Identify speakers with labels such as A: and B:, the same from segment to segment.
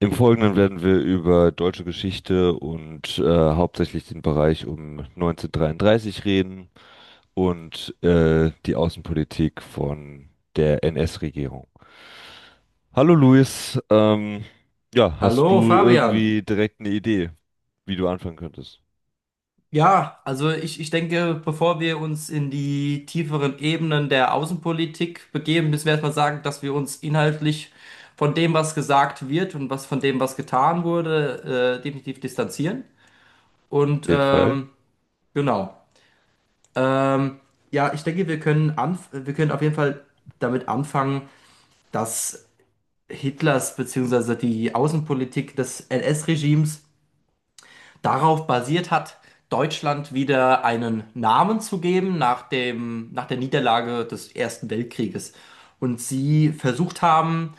A: Im Folgenden werden wir über deutsche Geschichte und hauptsächlich den Bereich um 1933 reden und die Außenpolitik von der NS-Regierung. Hallo Luis, ja, hast
B: Hallo
A: du
B: Fabian.
A: irgendwie direkt eine Idee, wie du anfangen könntest?
B: Ja, also ich denke, bevor wir uns in die tieferen Ebenen der Außenpolitik begeben, müssen wir erstmal sagen, dass wir uns inhaltlich von dem, was gesagt wird und was von dem, was getan wurde, definitiv distanzieren.
A: Auf
B: Und
A: jeden Fall.
B: genau. Ähm, ja, ich denke, wir können auf jeden Fall damit anfangen, dass Hitlers beziehungsweise die Außenpolitik des NS-Regimes darauf basiert hat, Deutschland wieder einen Namen zu geben nach dem, nach der Niederlage des Ersten Weltkrieges. Und sie versucht haben,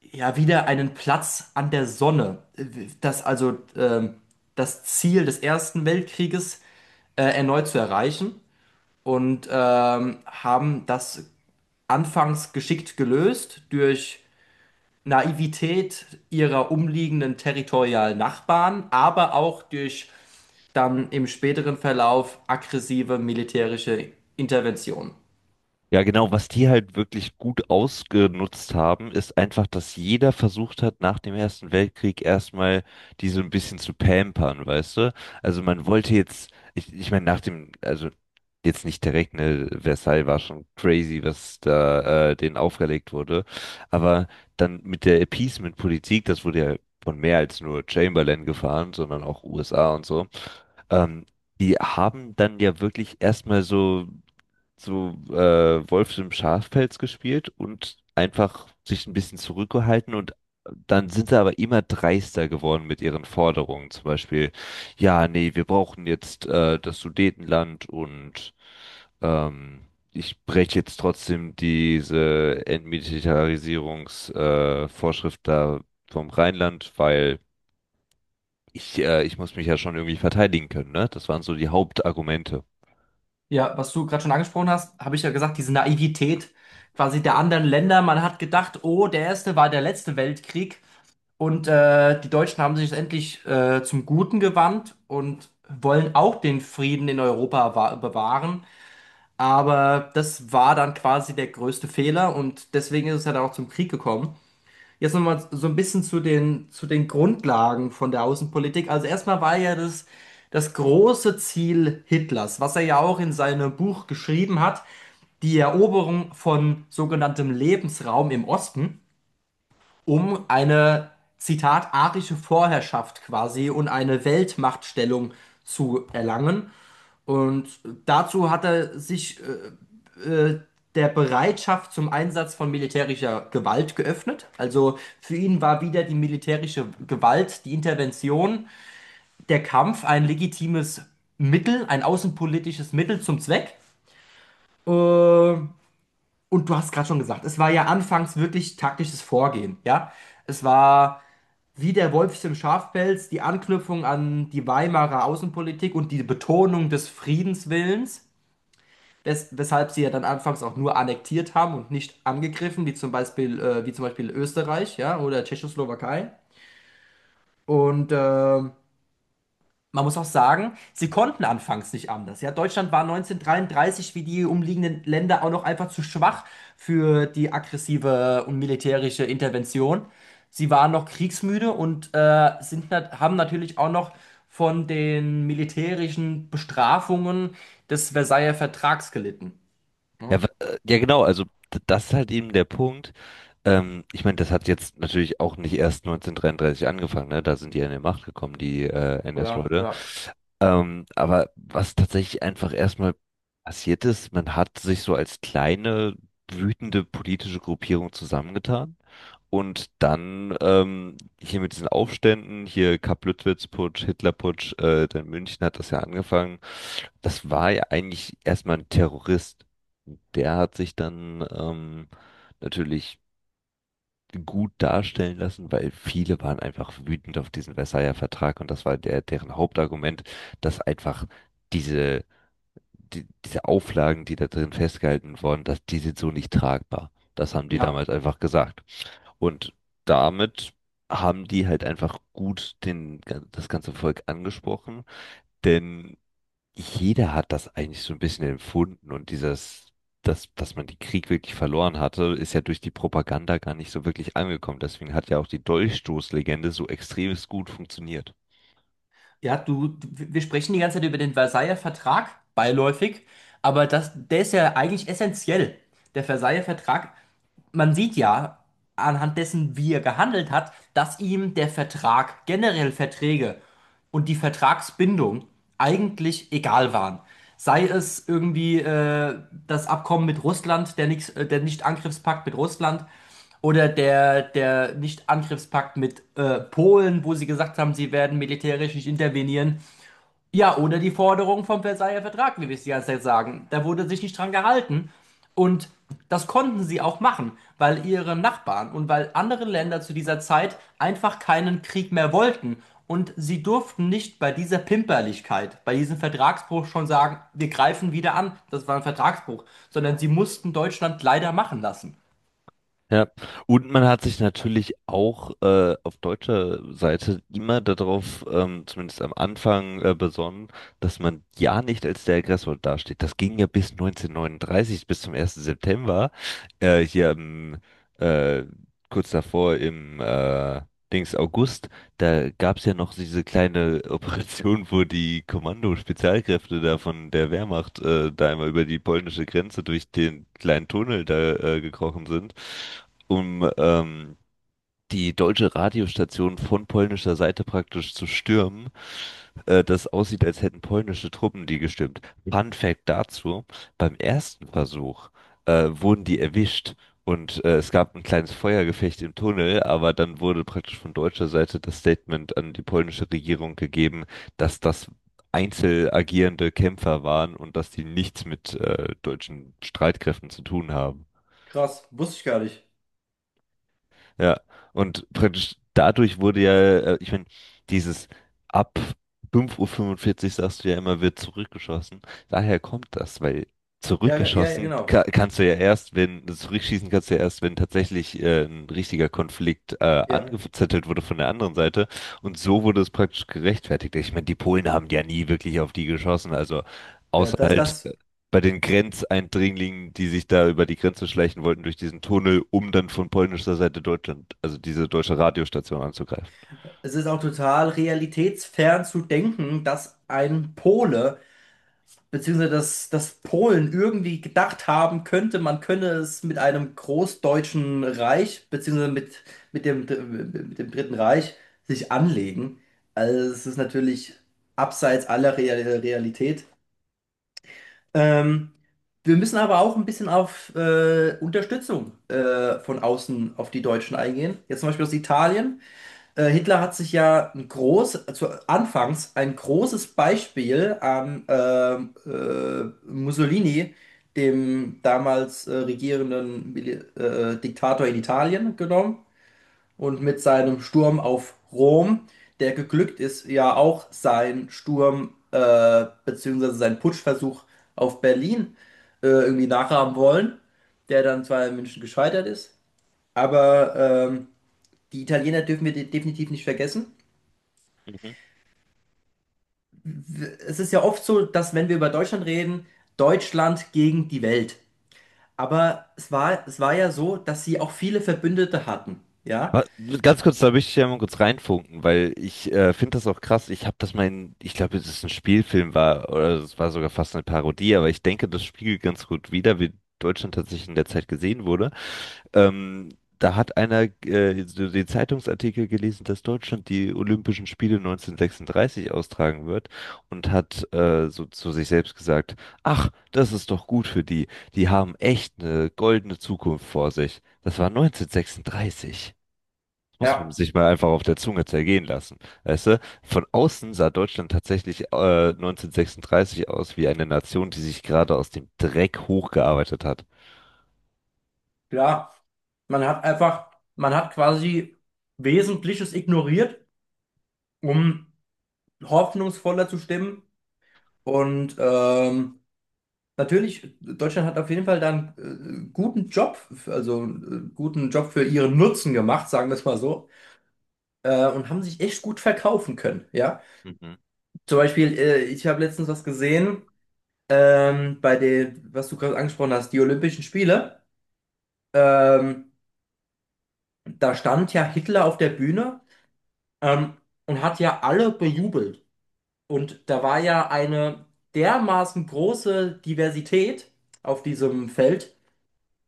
B: ja, wieder einen Platz an der Sonne, das also ähm, das Ziel des Ersten Weltkrieges erneut zu erreichen, und haben das anfangs geschickt gelöst durch Naivität ihrer umliegenden territorialen Nachbarn, aber auch durch dann im späteren Verlauf aggressive militärische Intervention.
A: Ja, genau. Was die halt wirklich gut ausgenutzt haben, ist einfach, dass jeder versucht hat, nach dem Ersten Weltkrieg erstmal die so ein bisschen zu pampern, weißt du? Also man wollte jetzt, ich meine, nach dem, also jetzt nicht direkt, ne, Versailles war schon crazy, was da denen aufgelegt wurde. Aber dann mit der Appeasement-Politik, das wurde ja von mehr als nur Chamberlain gefahren, sondern auch USA und so. Ähm, Die haben dann ja wirklich erstmal so Wolf im Schafpelz gespielt und einfach sich ein bisschen zurückgehalten, und dann sind sie aber immer dreister geworden mit ihren Forderungen. Zum Beispiel, ja, nee, wir brauchen jetzt das Sudetenland, und ähm, ich breche jetzt trotzdem diese Entmilitarisierungsvorschrift Vorschrift da vom Rheinland, weil ich muss mich ja schon irgendwie verteidigen können, ne? Das waren so die Hauptargumente.
B: Ja, was du gerade schon angesprochen hast, habe ich ja gesagt, diese Naivität quasi der anderen Länder. Man hat gedacht, oh, der erste war der letzte Weltkrieg, und die Deutschen haben sich endlich zum Guten gewandt und wollen auch den Frieden in Europa bewahren. Aber das war dann quasi der größte Fehler, und deswegen ist es ja dann auch zum Krieg gekommen. Jetzt nochmal so ein bisschen zu den, Grundlagen von der Außenpolitik. Also erstmal war ja das große Ziel Hitlers, was er ja auch in seinem Buch geschrieben hat, die Eroberung von sogenanntem Lebensraum im Osten, um eine, Zitat, arische Vorherrschaft quasi und eine Weltmachtstellung zu erlangen. Und dazu hat er sich der Bereitschaft zum Einsatz von militärischer Gewalt geöffnet. Also für ihn war wieder die militärische Gewalt, die Intervention, der Kampf ein legitimes Mittel, ein außenpolitisches Mittel zum Zweck. Und du hast gerade schon gesagt, es war ja anfangs wirklich taktisches Vorgehen, ja. Es war wie der Wolf im Schafpelz, die Anknüpfung an die Weimarer Außenpolitik und die Betonung des Friedenswillens, weshalb sie ja dann anfangs auch nur annektiert haben und nicht angegriffen, wie zum Beispiel Österreich, ja, oder Tschechoslowakei. Und man muss auch sagen, sie konnten anfangs nicht anders. Ja, Deutschland war 1933 wie die umliegenden Länder auch noch einfach zu schwach für die aggressive und militärische Intervention. Sie waren noch kriegsmüde, und haben natürlich auch noch von den militärischen Bestrafungen des Versailler Vertrags gelitten. Ne?
A: Ja, ja genau, also das ist halt eben der Punkt. Ich meine, das hat jetzt natürlich auch nicht erst 1933 angefangen, ne? Da sind die an die Macht gekommen, die
B: Ja,
A: NS-Leute.
B: ja,
A: Aber was tatsächlich einfach erstmal passiert ist, man hat sich so als kleine, wütende politische Gruppierung zusammengetan. Und dann hier mit diesen Aufständen, hier Kapp-Lüttwitz-Putsch, Hitler-Putsch, dann München, hat das ja angefangen. Das war ja eigentlich erstmal ein Terrorist. Der hat sich dann natürlich gut darstellen lassen, weil viele waren einfach wütend auf diesen Versailler Vertrag, und das war der, deren Hauptargument, dass einfach diese, diese Auflagen, die da drin festgehalten wurden, dass die sind so nicht tragbar. Das haben die
B: ja.
A: damals einfach gesagt. Und damit haben die halt einfach gut das ganze Volk angesprochen, denn jeder hat das eigentlich so ein bisschen empfunden, und dieses, dass man den Krieg wirklich verloren hatte, ist ja durch die Propaganda gar nicht so wirklich angekommen. Deswegen hat ja auch die Dolchstoßlegende so extremst gut funktioniert.
B: Ja, wir sprechen die ganze Zeit über den Versailler Vertrag, beiläufig, aber das, der ist ja eigentlich essentiell. Der Versailler Vertrag, man sieht ja anhand dessen, wie er gehandelt hat, dass ihm der Vertrag, generell Verträge und die Vertragsbindung eigentlich egal waren. Sei es irgendwie das Abkommen mit Russland, der Nicht-Angriffspakt mit Russland, oder der Nicht-Angriffspakt mit Polen, wo sie gesagt haben, sie werden militärisch nicht intervenieren. Ja, oder die Forderung vom Versailler Vertrag, wie wir es die ganze Zeit sagen. Da wurde sich nicht dran gehalten. Und das konnten sie auch machen, weil ihre Nachbarn und weil andere Länder zu dieser Zeit einfach keinen Krieg mehr wollten. Und sie durften nicht bei dieser Pimperlichkeit, bei diesem Vertragsbruch schon sagen, wir greifen wieder an, das war ein Vertragsbruch, sondern sie mussten Deutschland leider machen lassen.
A: Ja, und man hat sich natürlich auch auf deutscher Seite immer darauf, zumindest am Anfang, besonnen, dass man ja nicht als der Aggressor dasteht. Das ging ja bis 1939, bis zum ersten September, äh, hier im, äh, kurz davor im Dings August. Da gab's ja noch diese kleine Operation, wo die Kommando-Spezialkräfte da von der Wehrmacht da einmal über die polnische Grenze durch den kleinen Tunnel da gekrochen sind, um die deutsche Radiostation von polnischer Seite praktisch zu stürmen, das aussieht, als hätten polnische Truppen die gestürmt. Fun Fact dazu, beim ersten Versuch wurden die erwischt, und es gab ein kleines Feuergefecht im Tunnel, aber dann wurde praktisch von deutscher Seite das Statement an die polnische Regierung gegeben, dass das einzeln agierende Kämpfer waren und dass die nichts mit deutschen Streitkräften zu tun haben.
B: Krass, wusste ich gar nicht.
A: Ja, und praktisch dadurch wurde ja, ich meine, dieses ab 5:45 Uhr fünfundvierzig, sagst du ja immer, wird zurückgeschossen. Daher kommt das, weil
B: Ja, ja, ja,
A: zurückgeschossen
B: genau.
A: ka kannst du ja erst, wenn, zurückschießen kannst du ja erst, wenn tatsächlich ein richtiger Konflikt
B: Ja,
A: angezettelt wurde von der anderen Seite. Und so wurde es praktisch gerechtfertigt. Ich meine, die Polen haben ja nie wirklich auf die geschossen, also
B: ja,
A: außer
B: das,
A: halt
B: das.
A: bei den Grenzeindringlingen, die sich da über die Grenze schleichen wollten, durch diesen Tunnel, um dann von polnischer Seite Deutschland, also diese deutsche Radiostation anzugreifen.
B: Es ist auch total realitätsfern zu denken, dass ein Pole, beziehungsweise dass Polen irgendwie gedacht haben könnte, man könne es mit einem großdeutschen Reich, beziehungsweise mit dem, mit dem Dritten Reich, sich anlegen. Also es ist natürlich abseits aller Realität. Ähm, Wir müssen aber auch ein bisschen auf Unterstützung von außen auf die Deutschen eingehen. Jetzt zum Beispiel aus Italien. Hitler hat sich ja ein anfangs ein großes Beispiel an Mussolini, dem damals regierenden Mili Diktator in Italien, genommen und mit seinem Sturm auf Rom, der geglückt ist, ja auch sein Sturm beziehungsweise sein Putschversuch auf Berlin irgendwie nachahmen wollen, der dann zwar in München gescheitert ist, aber ähm, die Italiener dürfen wir definitiv nicht vergessen.
A: Mhm.
B: Es ist ja oft so, dass, wenn wir über Deutschland reden, Deutschland gegen die Welt. Aber es war ja so, dass sie auch viele Verbündete hatten. Ja,
A: Ah, ganz kurz, da möchte ich ja mal kurz reinfunken, weil ich finde das auch krass. Ich habe das mal in, ich glaube, es ist ein Spielfilm war oder es war sogar fast eine Parodie, aber ich denke, das spiegelt ganz gut wider, wie Deutschland tatsächlich in der Zeit gesehen wurde. Ähm, Da hat einer so den Zeitungsartikel gelesen, dass Deutschland die Olympischen Spiele 1936 austragen wird, und hat so zu sich selbst gesagt, ach, das ist doch gut für die. Die haben echt eine goldene Zukunft vor sich. Das war 1936, muss man
B: ja,
A: sich mal einfach auf der Zunge zergehen lassen. Weißt du, von außen sah Deutschland tatsächlich 1936 aus wie eine Nation, die sich gerade aus dem Dreck hochgearbeitet hat.
B: klar. Man hat einfach, man hat quasi Wesentliches ignoriert, um hoffnungsvoller zu stimmen. Und natürlich, Deutschland hat auf jeden Fall dann äh, guten Job, also guten Job für ihren Nutzen gemacht, sagen wir es mal so, und haben sich echt gut verkaufen können. Ja.
A: Mhm.
B: Zum Beispiel, ich habe letztens was gesehen, was du gerade angesprochen hast, die Olympischen Spiele. Ähm, Da stand ja Hitler auf der Bühne, ähm, und hat ja alle bejubelt. Und da war ja eine dermaßen große Diversität auf diesem Feld.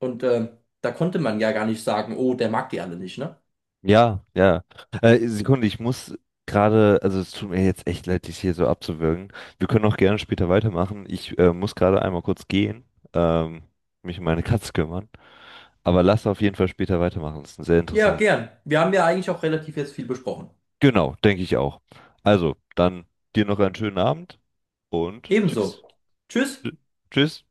B: Und da konnte man ja gar nicht sagen, oh, der mag die alle nicht, ne?
A: Ja, ja. Sekunde, ich muss gerade, also es tut mir jetzt echt leid, dich hier so abzuwürgen. Wir können auch gerne später weitermachen. Ich muss gerade einmal kurz gehen, ähm, mich um meine Katze kümmern. Aber lass auf jeden Fall später weitermachen. Das ist ein sehr
B: Ja,
A: interessantes.
B: gern. Wir haben ja eigentlich auch relativ jetzt viel besprochen.
A: Genau, denke ich auch. Also, dann dir noch einen schönen Abend und tschüss.
B: Ebenso. Tschüss.
A: Tschüss.